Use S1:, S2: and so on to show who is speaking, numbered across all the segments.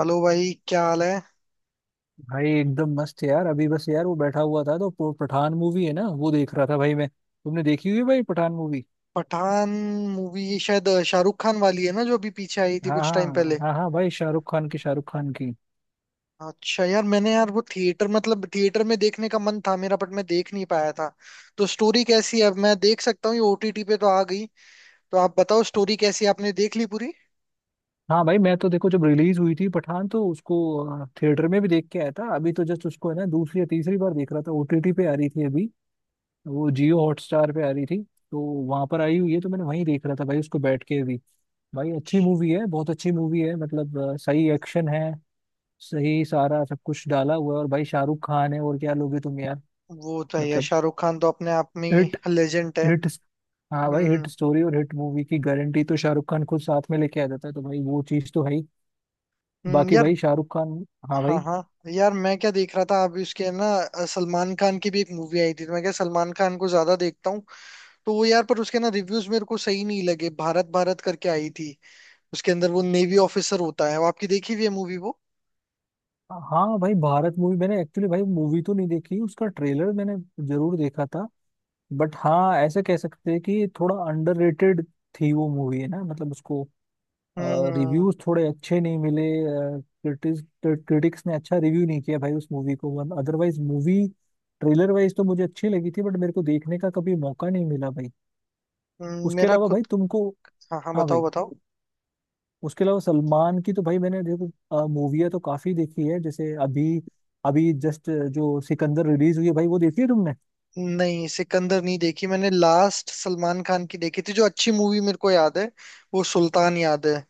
S1: Hello भाई, क्या हाल है।
S2: भाई एकदम मस्त है यार। अभी बस यार वो बैठा हुआ था तो वो पठान मूवी है ना वो देख रहा था। भाई मैं, तुमने देखी हुई है भाई पठान मूवी?
S1: पठान मूवी ये शायद शाहरुख खान वाली है ना जो अभी पीछे आई थी
S2: हाँ
S1: कुछ टाइम
S2: हाँ
S1: पहले।
S2: हाँ हाँ भाई, शाहरुख खान की, शाहरुख खान की।
S1: अच्छा यार, मैंने यार वो थिएटर मतलब थिएटर में देखने का मन था मेरा, बट मैं देख नहीं पाया था। तो स्टोरी कैसी है? मैं देख सकता हूँ, ये ओटीटी पे तो आ गई। तो आप बताओ स्टोरी कैसी है? आपने देख ली पूरी।
S2: हाँ भाई मैं तो देखो जब रिलीज हुई थी पठान तो उसको थिएटर में भी देख के आया था। अभी तो जस्ट उसको है ना दूसरी या तीसरी बार देख रहा था, ओटीटी पे आ रही थी अभी। वो जियो हॉटस्टार पे आ रही थी, तो वहां पर आई हुई है तो मैंने वहीं देख रहा था भाई उसको बैठ के भी। भाई अच्छी मूवी है, बहुत अच्छी मूवी है, मतलब सही एक्शन है। सही सारा सब कुछ डाला हुआ है, और भाई शाहरुख खान है, और क्या लोगे तुम यार।
S1: वो तो है यार,
S2: मतलब
S1: शाहरुख खान तो अपने आप में
S2: हिट,
S1: लेजेंड है।
S2: हिट। हाँ भाई, हिट
S1: हम्म।
S2: स्टोरी और हिट मूवी की गारंटी तो शाहरुख खान खुद साथ में लेके आ जाता है, तो भाई वो चीज तो है ही। बाकी
S1: यार।
S2: भाई शाहरुख खान। हाँ
S1: हाँ
S2: भाई।
S1: हाँ यार, मैं क्या देख रहा था अभी उसके ना सलमान खान की भी एक मूवी आई थी, तो मैं क्या सलमान खान को ज्यादा देखता हूँ। तो वो यार, पर उसके ना रिव्यूज मेरे को सही नहीं लगे। भारत भारत करके आई थी। उसके अंदर वो नेवी ऑफिसर होता है वो, आपकी देखी हुई है मूवी वो?
S2: हाँ भाई भारत मूवी, मैंने एक्चुअली भाई मूवी तो नहीं देखी, उसका ट्रेलर मैंने जरूर देखा था। बट हाँ ऐसे कह सकते हैं कि थोड़ा अंडररेटेड थी वो मूवी है ना, मतलब उसको
S1: हम्म।
S2: रिव्यूज थोड़े अच्छे नहीं मिले। क्रिटिक्स क्रिटिक्स ने अच्छा रिव्यू नहीं किया भाई उस मूवी को। One otherwise movie, trailer wise तो मुझे अच्छी लगी थी बट मेरे को देखने का कभी मौका नहीं मिला भाई। उसके
S1: मेरा
S2: अलावा
S1: खुद।
S2: भाई तुमको।
S1: हाँ हाँ,
S2: हाँ भाई।
S1: बताओ बताओ।
S2: उसके अलावा सलमान की तो भाई मैंने, देखो मूवियाँ तो काफी देखी है, जैसे अभी अभी जस्ट जो सिकंदर रिलीज हुई है भाई, वो देखी है तुमने?
S1: नहीं, सिकंदर नहीं देखी मैंने। लास्ट सलमान खान की देखी थी जो अच्छी मूवी, मेरे को याद है। वो सुल्तान याद है।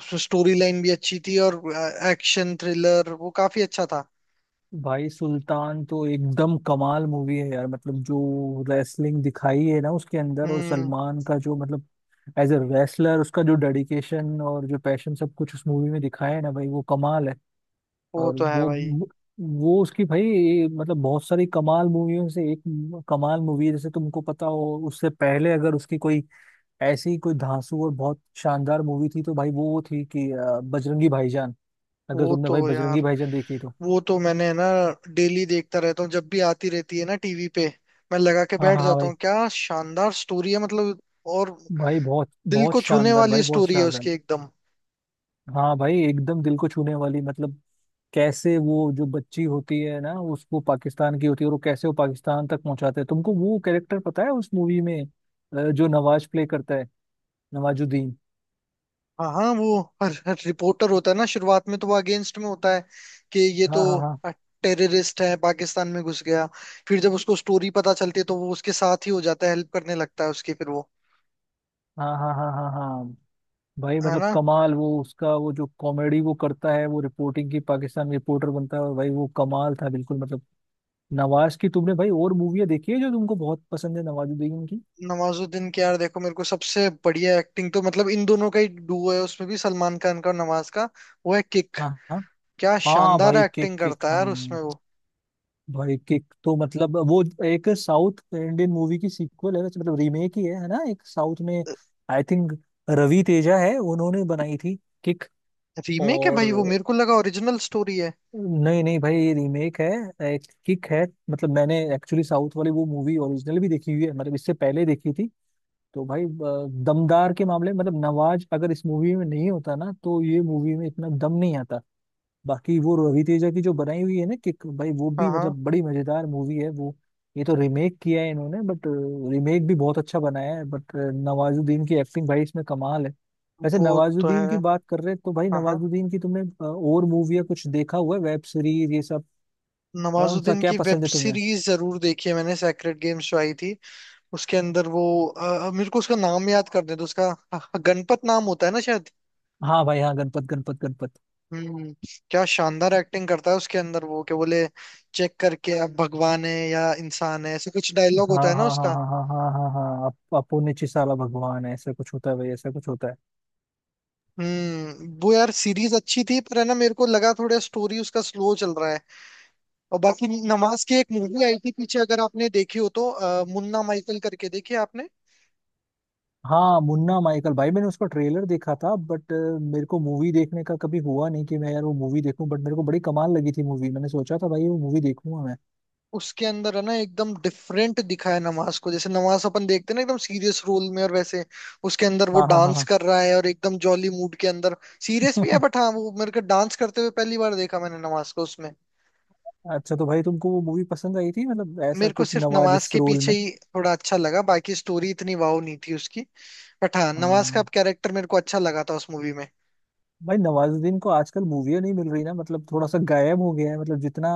S1: उसमें स्टोरी लाइन भी अच्छी थी, और एक्शन थ्रिलर वो काफी अच्छा था।
S2: भाई सुल्तान तो एकदम कमाल मूवी है यार, मतलब जो रेसलिंग दिखाई है ना उसके अंदर, और
S1: हम्म।
S2: सलमान का जो, मतलब एज ए रेसलर उसका जो डेडिकेशन और जो पैशन सब कुछ उस मूवी में दिखाया है ना भाई, वो कमाल है।
S1: वो
S2: और
S1: तो है
S2: वो
S1: भाई।
S2: वो उसकी भाई मतलब बहुत सारी कमाल मूवियों से एक कमाल मूवी है, जैसे तुमको पता हो, उससे पहले अगर उसकी कोई ऐसी कोई धांसू और बहुत शानदार मूवी थी तो भाई वो थी कि बजरंगी भाईजान। अगर
S1: वो
S2: तुमने
S1: तो
S2: भाई
S1: यार,
S2: बजरंगी भाईजान देखी है तो।
S1: वो तो मैंने है ना डेली देखता रहता हूँ, जब भी आती रहती है ना टीवी पे। मैं लगा के
S2: हाँ
S1: बैठ
S2: हाँ हाँ
S1: जाता
S2: भाई।
S1: हूँ। क्या शानदार स्टोरी है मतलब। और
S2: भाई बहुत
S1: दिल
S2: बहुत
S1: को छूने
S2: शानदार,
S1: वाली
S2: भाई बहुत
S1: स्टोरी है
S2: शानदार।
S1: उसकी, एकदम।
S2: हाँ भाई एकदम दिल को छूने वाली, मतलब कैसे वो जो बच्ची होती है ना उसको, पाकिस्तान की होती है और वो कैसे वो पाकिस्तान तक पहुंचाते हैं। तुमको वो कैरेक्टर पता है उस मूवी में जो नवाज प्ले करता है, नवाजुद्दीन?
S1: हाँ हाँ, वो हर रिपोर्टर होता है ना, शुरुआत में तो वो अगेंस्ट में होता है कि ये तो
S2: हाँ हाँ
S1: टेररिस्ट है, पाकिस्तान में घुस गया। फिर जब उसको स्टोरी पता चलती है तो वो उसके साथ ही हो जाता है, हेल्प करने लगता है उसकी, फिर वो,
S2: हाँ हाँ हाँ हाँ हाँ हाँ भाई,
S1: है
S2: मतलब
S1: ना।
S2: कमाल, वो उसका वो जो कॉमेडी वो करता है वो रिपोर्टिंग की, पाकिस्तान रिपोर्टर बनता है, और भाई वो कमाल था बिल्कुल मतलब। नवाज की तुमने भाई और मूवियाँ देखी है जो तुमको बहुत पसंद है, नवाजुद्दीन की?
S1: नवाजुद्दीन के यार देखो, मेरे को सबसे बढ़िया एक्टिंग तो मतलब इन दोनों का ही डुओ है उसमें भी, सलमान खान का और नवाज का। वो है किक।
S2: हाँ
S1: क्या
S2: हाँ
S1: शानदार
S2: भाई, किक,
S1: एक्टिंग
S2: किक
S1: करता है यार
S2: हाँ।
S1: उसमें वो।
S2: भाई किक तो मतलब वो एक साउथ इंडियन मूवी की सीक्वल है, वैसे मतलब रीमेक ही है ना, एक साउथ में, आई थिंक रवि तेजा है, उन्होंने बनाई थी किक।
S1: रीमेक है
S2: और
S1: भाई वो? मेरे को लगा ओरिजिनल स्टोरी है।
S2: नहीं नहीं भाई ये रीमेक है, एक किक है। मतलब मैंने एक्चुअली साउथ वाली वो मूवी ओरिजिनल भी देखी हुई है, मतलब इससे पहले देखी थी। तो भाई दमदार के मामले में, मतलब नवाज अगर इस मूवी में नहीं होता ना तो ये मूवी में इतना दम नहीं आता। बाकी वो रवि तेजा की जो बनाई हुई है ना किक, भाई वो
S1: हाँ
S2: भी
S1: हाँ,
S2: मतलब बड़ी मजेदार मूवी है वो। ये तो रीमेक किया है इन्होंने, बट रीमेक भी बहुत अच्छा बनाया है, बट नवाजुद्दीन की एक्टिंग भाई इसमें कमाल है। वैसे
S1: वो तो है।
S2: नवाजुद्दीन की बात कर रहे हैं, तो भाई
S1: हाँ हाँ,
S2: नवाजुद्दीन की तुमने और मूवी या कुछ देखा हुआ है, वेब सीरीज ये सब? कौन सा
S1: नवाजुद्दीन
S2: क्या
S1: की वेब
S2: पसंद है तुम्हें?
S1: सीरीज जरूर देखी है मैंने, सेक्रेड गेम्स जो आई थी। उसके अंदर वो मेरे को उसका नाम याद कर दे तो उसका अ, गणपत नाम होता है ना शायद।
S2: हाँ भाई हाँ, गणपत गणपत गणपत।
S1: हम्म। क्या शानदार एक्टिंग करता है उसके अंदर वो, कि बोले चेक करके अब भगवान है या इंसान है, ऐसे कुछ डायलॉग
S2: हाँ
S1: होता है ना
S2: हाँ हाँ
S1: उसका।
S2: हाँ हाँ हाँ हाँ हाँ अपुन्य चिसाला भगवान है, ऐसा कुछ होता है भाई, ऐसा कुछ होता है।
S1: वो यार सीरीज अच्छी थी, पर है ना मेरे को लगा थोड़ा स्टोरी उसका स्लो चल रहा है। और बाकी नमाज की एक मूवी आई थी पीछे, अगर आपने देखी हो तो, मुन्ना माइकल करके, देखी है आपने?
S2: हाँ मुन्ना माइकल, भाई मैंने उसका ट्रेलर देखा था बट मेरे को मूवी देखने का कभी हुआ नहीं कि मैं यार वो मूवी देखूं, बट मेरे को बड़ी कमाल लगी थी मूवी, मैंने सोचा था भाई वो मूवी देखूंगा मैं।
S1: उसके अंदर है ना एकदम डिफरेंट दिखाया है नमाज को, जैसे नमाज अपन देखते हैं ना एकदम सीरियस रोल में, और वैसे उसके अंदर वो
S2: हाँ हाँ
S1: डांस
S2: हाँ
S1: कर रहा है और एकदम जॉली मूड के अंदर। सीरियस भी है,
S2: हाँ।
S1: बट हाँ वो मेरे को डांस करते हुए पहली बार देखा मैंने नमाज को उसमें।
S2: अच्छा, तो भाई तुमको वो मूवी पसंद आई थी, मतलब ऐसा
S1: मेरे को
S2: कुछ
S1: सिर्फ नमाज
S2: नवाजिश
S1: के
S2: रोल
S1: पीछे
S2: में?
S1: ही थोड़ा अच्छा लगा, बाकी स्टोरी इतनी वाव नहीं थी उसकी। बट हाँ, नमाज का
S2: हाँ
S1: कैरेक्टर मेरे को अच्छा लगा था उस मूवी में।
S2: भाई। नवाजुद्दीन को आजकल मूवियाँ नहीं मिल रही ना, मतलब थोड़ा सा गायब हो गया है, मतलब जितना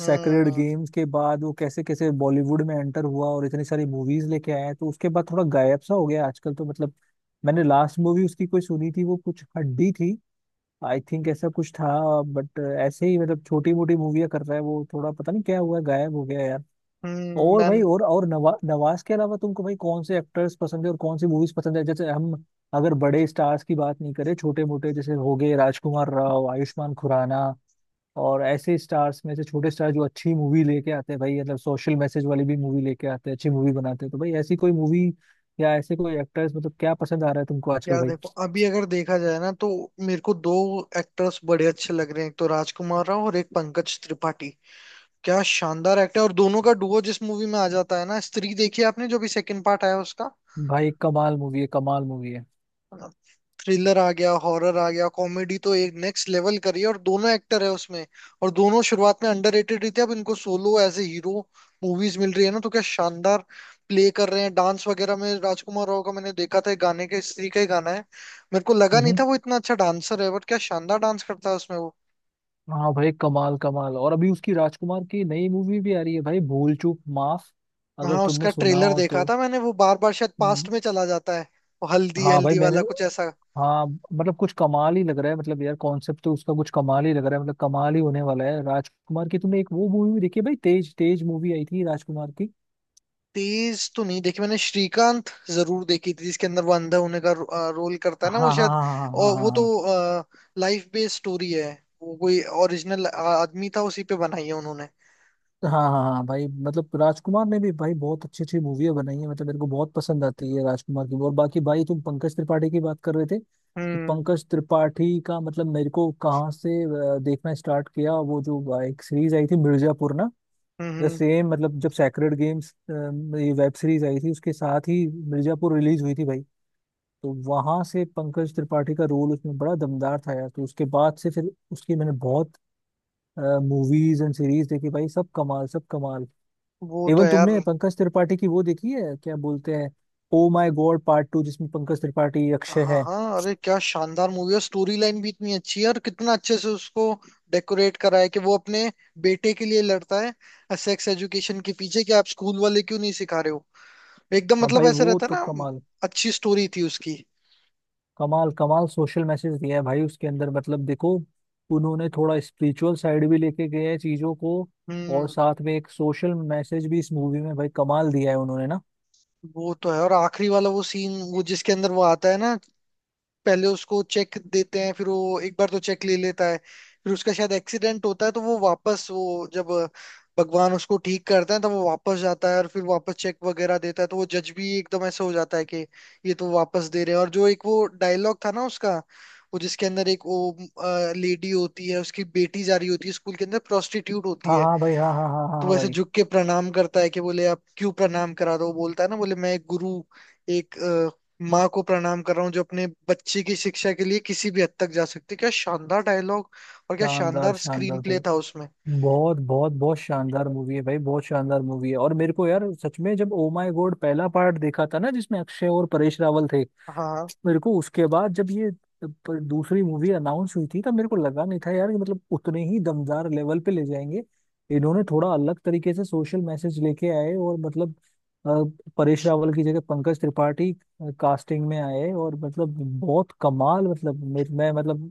S2: सेक्रेड
S1: हम्म।
S2: गेम्स के बाद वो कैसे कैसे बॉलीवुड में एंटर हुआ और इतनी सारी मूवीज लेके आया, तो उसके बाद थोड़ा गायब सा हो गया आजकल तो मतलब। मैंने लास्ट मूवी उसकी कोई सुनी थी, वो कुछ हड्डी थी आई थिंक, ऐसा कुछ था। बट ऐसे ही मतलब छोटी मोटी मूवियाँ कर रहा है वो, थोड़ा पता नहीं क्या हुआ गायब हो गया यार। और
S1: मैम।
S2: भाई, और नवाज के अलावा तुमको भाई कौन से एक्टर्स पसंद है और कौन सी मूवीज पसंद है? जैसे हम, अगर बड़े स्टार्स की बात नहीं करें, छोटे मोटे जैसे हो गए राजकुमार राव, आयुष्मान खुराना, और ऐसे स्टार्स में से छोटे स्टार जो अच्छी मूवी लेके आते हैं भाई, मतलब सोशल मैसेज वाली भी मूवी लेके आते हैं, अच्छी मूवी बनाते हैं, तो भाई ऐसी कोई मूवी या ऐसे कोई एक्टर्स, मतलब क्या पसंद आ रहा है तुमको आजकल
S1: यार
S2: भाई?
S1: देखो, अभी अगर देखा जाए ना तो मेरे को दो एक्टर्स बड़े अच्छे लग रहे हैं, एक तो राजकुमार राव और एक पंकज त्रिपाठी। क्या शानदार एक्ट है और दोनों का डुओ जिस मूवी में आ जाता है ना। स्त्री देखी है आपने, जो भी सेकंड पार्ट आया उसका?
S2: भाई कमाल मूवी है, कमाल मूवी
S1: थ्रिलर आ गया, हॉरर आ गया, कॉमेडी तो एक नेक्स्ट लेवल करी है, और दोनों एक्टर है उसमें। और दोनों शुरुआत में अंडररेटेड ही थे, अब इनको solo as a hero movies मिल रही है ना, तो क्या शानदार प्ले कर रहे हैं। डांस वगैरह में राजकुमार राव का मैंने देखा था एक गाने के, स्त्री का ही गाना है। मेरे को लगा नहीं
S2: है।
S1: था वो इतना अच्छा डांसर है, बट क्या शानदार डांस करता है उसमें वो।
S2: हाँ भाई कमाल कमाल, और अभी उसकी राजकुमार की नई मूवी भी आ रही है भाई, भूल चूक माफ, अगर
S1: हाँ,
S2: तुमने
S1: उसका
S2: सुना
S1: ट्रेलर
S2: हो
S1: देखा
S2: तो।
S1: था मैंने, वो बार बार शायद
S2: हम्म,
S1: पास्ट में चला जाता है। वो हल्दी
S2: हाँ भाई
S1: हल्दी
S2: मैंने,
S1: वाला कुछ ऐसा।
S2: हाँ मतलब कुछ कमाल ही लग रहा है, मतलब यार कॉन्सेप्ट तो उसका कुछ कमाल ही लग रहा है, मतलब कमाल ही होने वाला है। राजकुमार की तुमने एक वो मूवी भी देखी है भाई, तेज तेज मूवी आई थी राजकुमार की?
S1: तेज तो नहीं देखी मैंने, श्रीकांत जरूर देखी थी जिसके अंदर वो अंधा होने का रोल करता है ना वो
S2: हाँ हाँ हाँ
S1: शायद।
S2: हाँ हाँ
S1: और वो
S2: हाँ
S1: तो
S2: हाँ
S1: लाइफ बेस्ड स्टोरी है। वो कोई ओरिजिनल आदमी था, उसी पे बनाई है उन्होंने।
S2: हाँ हाँ हाँ। भाई मतलब राजकुमार ने भी भाई बहुत अच्छी अच्छी मूवियाँ बनाई है, मतलब मेरे को बहुत पसंद आती है राजकुमार की। और बाकी भाई तुम पंकज त्रिपाठी की बात कर रहे थे, तो
S1: हम्म।
S2: पंकज त्रिपाठी का मतलब, मेरे को कहाँ से देखना स्टार्ट किया, वो जो एक सीरीज आई थी मिर्जापुर ना।
S1: हम्म।
S2: सेम मतलब जब सैक्रेड गेम्स ये वेब सीरीज आई थी, उसके साथ ही मिर्जापुर रिलीज हुई थी भाई। तो वहां से पंकज त्रिपाठी का रोल उसमें बड़ा दमदार था यार, तो उसके बाद से फिर उसकी मैंने बहुत मूवीज एंड सीरीज देखी भाई, सब कमाल सब कमाल।
S1: वो तो
S2: इवन
S1: है यार।
S2: तुमने पंकज त्रिपाठी की वो देखी है, क्या बोलते हैं, oh my God part two, जिसमें पंकज त्रिपाठी, अक्षय
S1: हाँ
S2: है।
S1: हाँ, अरे क्या शानदार मूवी है, स्टोरी लाइन भी इतनी अच्छी है, और कितना अच्छे से उसको डेकोरेट करा है कि वो अपने बेटे के लिए लड़ता है सेक्स एजुकेशन के पीछे, कि आप स्कूल वाले क्यों नहीं सिखा रहे हो। एकदम
S2: हाँ
S1: मतलब
S2: भाई
S1: ऐसा
S2: वो
S1: रहता है
S2: तो
S1: ना।
S2: कमाल,
S1: अच्छी स्टोरी थी उसकी।
S2: कमाल कमाल सोशल मैसेज दिया है भाई उसके अंदर, मतलब देखो उन्होंने थोड़ा स्पिरिचुअल साइड भी लेके गए हैं चीजों को, और
S1: हम्म
S2: साथ में एक सोशल मैसेज भी इस मूवी में भाई कमाल दिया है उन्होंने ना।
S1: वो तो है, और आखिरी वाला वो सीन, वो जिसके अंदर वो आता है ना, पहले उसको चेक देते हैं, फिर वो एक बार तो चेक ले लेता है, फिर उसका शायद एक्सीडेंट होता है तो वो वापस, वो जब भगवान उसको ठीक करते हैं तब वो वापस जाता है और फिर वापस चेक वगैरह देता है, तो वो जज भी एकदम ऐसे हो जाता है कि ये तो वापस दे रहे हैं। और जो एक वो डायलॉग था ना उसका, वो जिसके अंदर एक वो लेडी होती है, उसकी बेटी जा रही होती है स्कूल के अंदर, प्रोस्टिट्यूट होती
S2: हाँ
S1: है।
S2: हाँ भाई, हाँ हाँ हाँ हाँ
S1: तो
S2: हाँ
S1: वैसे
S2: भाई।
S1: झुक के प्रणाम करता है, कि बोले आप क्यों प्रणाम करा रहे हो, बोलता है ना, बोले मैं एक गुरु, एक माँ को प्रणाम कर रहा हूँ, जो अपने बच्चे की शिक्षा के लिए किसी भी हद तक जा सकती है। क्या शानदार डायलॉग, और क्या
S2: शानदार
S1: शानदार स्क्रीन
S2: शानदार
S1: प्ले
S2: भाई,
S1: था उसमें।
S2: बहुत बहुत बहुत शानदार मूवी है भाई, बहुत शानदार मूवी है। और मेरे को यार सच में, जब ओ माय गॉड पहला पार्ट देखा था ना जिसमें अक्षय और परेश रावल थे,
S1: हाँ।
S2: मेरे को उसके बाद जब ये पर दूसरी मूवी अनाउंस हुई थी तब मेरे को लगा नहीं था यार कि मतलब उतने ही दमदार लेवल पे ले जाएंगे। इन्होंने थोड़ा अलग तरीके से सोशल मैसेज लेके आए, और मतलब परेश रावल की जगह पंकज त्रिपाठी कास्टिंग में आए, और मतलब बहुत कमाल, मतलब मैं मतलब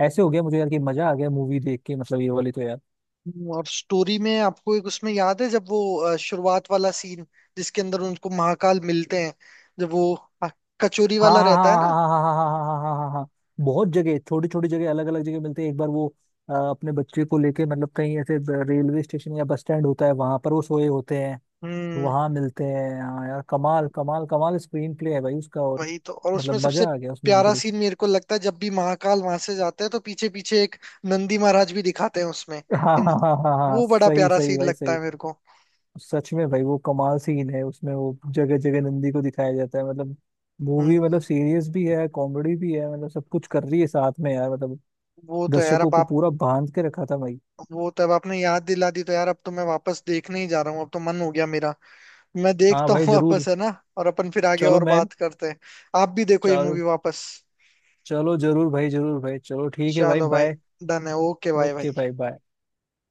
S2: ऐसे हो गया मुझे यार कि मजा आ गया मूवी देख के, मतलब ये वाली तो यार।
S1: और स्टोरी में आपको एक उसमें याद है, जब वो शुरुआत वाला सीन जिसके अंदर उनको महाकाल मिलते हैं, जब वो अ, कचोरी
S2: हाँ
S1: वाला
S2: हाँ
S1: रहता है ना।
S2: हाँ हाँ हाँ हाँ हाँ हाँ हाँ हाँ, हाँ। हाँ। बहुत जगह, छोटी छोटी जगह, अलग अलग जगह मिलते हैं, एक बार वो अपने बच्चे को लेके मतलब कहीं ऐसे रेलवे स्टेशन या बस स्टैंड होता है, वहां पर वो सोए होते हैं।
S1: हम्म।
S2: वहां मिलते हैं। हाँ यार, कमाल कमाल कमाल स्क्रीन प्ले है भाई उसका, और
S1: वही तो, और उसमें
S2: मतलब
S1: सबसे
S2: मजा आ गया उस मूवी को
S1: प्यारा
S2: देख
S1: सीन मेरे को लगता है, जब भी महाकाल वहां से जाते हैं तो पीछे पीछे एक नंदी महाराज भी दिखाते हैं उसमें।
S2: के। हाँ
S1: इन,
S2: हाँ हाँ हाँ हाँ,
S1: वो बड़ा
S2: सही
S1: प्यारा
S2: सही
S1: सीन
S2: भाई
S1: लगता
S2: सही।
S1: है मेरे को।
S2: सच में भाई वो कमाल सीन है उसमें, वो जगह जगह नंदी को दिखाया जाता है, मतलब मूवी मतलब
S1: हम्म
S2: सीरियस भी है कॉमेडी भी है, मतलब सब कुछ कर रही है साथ में यार, मतलब
S1: वो तो यार
S2: दर्शकों
S1: अब
S2: को
S1: आप,
S2: पूरा बांध के रखा था भाई।
S1: वो तो अब आपने याद दिला दी तो यार, अब तो मैं वापस देखने ही जा रहा हूँ, अब तो मन हो गया मेरा। मैं
S2: हाँ
S1: देखता
S2: भाई
S1: हूँ
S2: जरूर।
S1: वापस, है ना। और अपन फिर आगे
S2: चलो
S1: और
S2: मैं।
S1: बात करते हैं। आप भी देखो ये मूवी
S2: चलो।
S1: वापस।
S2: चलो जरूर भाई, जरूर भाई, चलो ठीक है भाई,
S1: चलो भाई।
S2: बाय।
S1: डन है, ओके बाय
S2: ओके
S1: भाई।
S2: भाई बाय।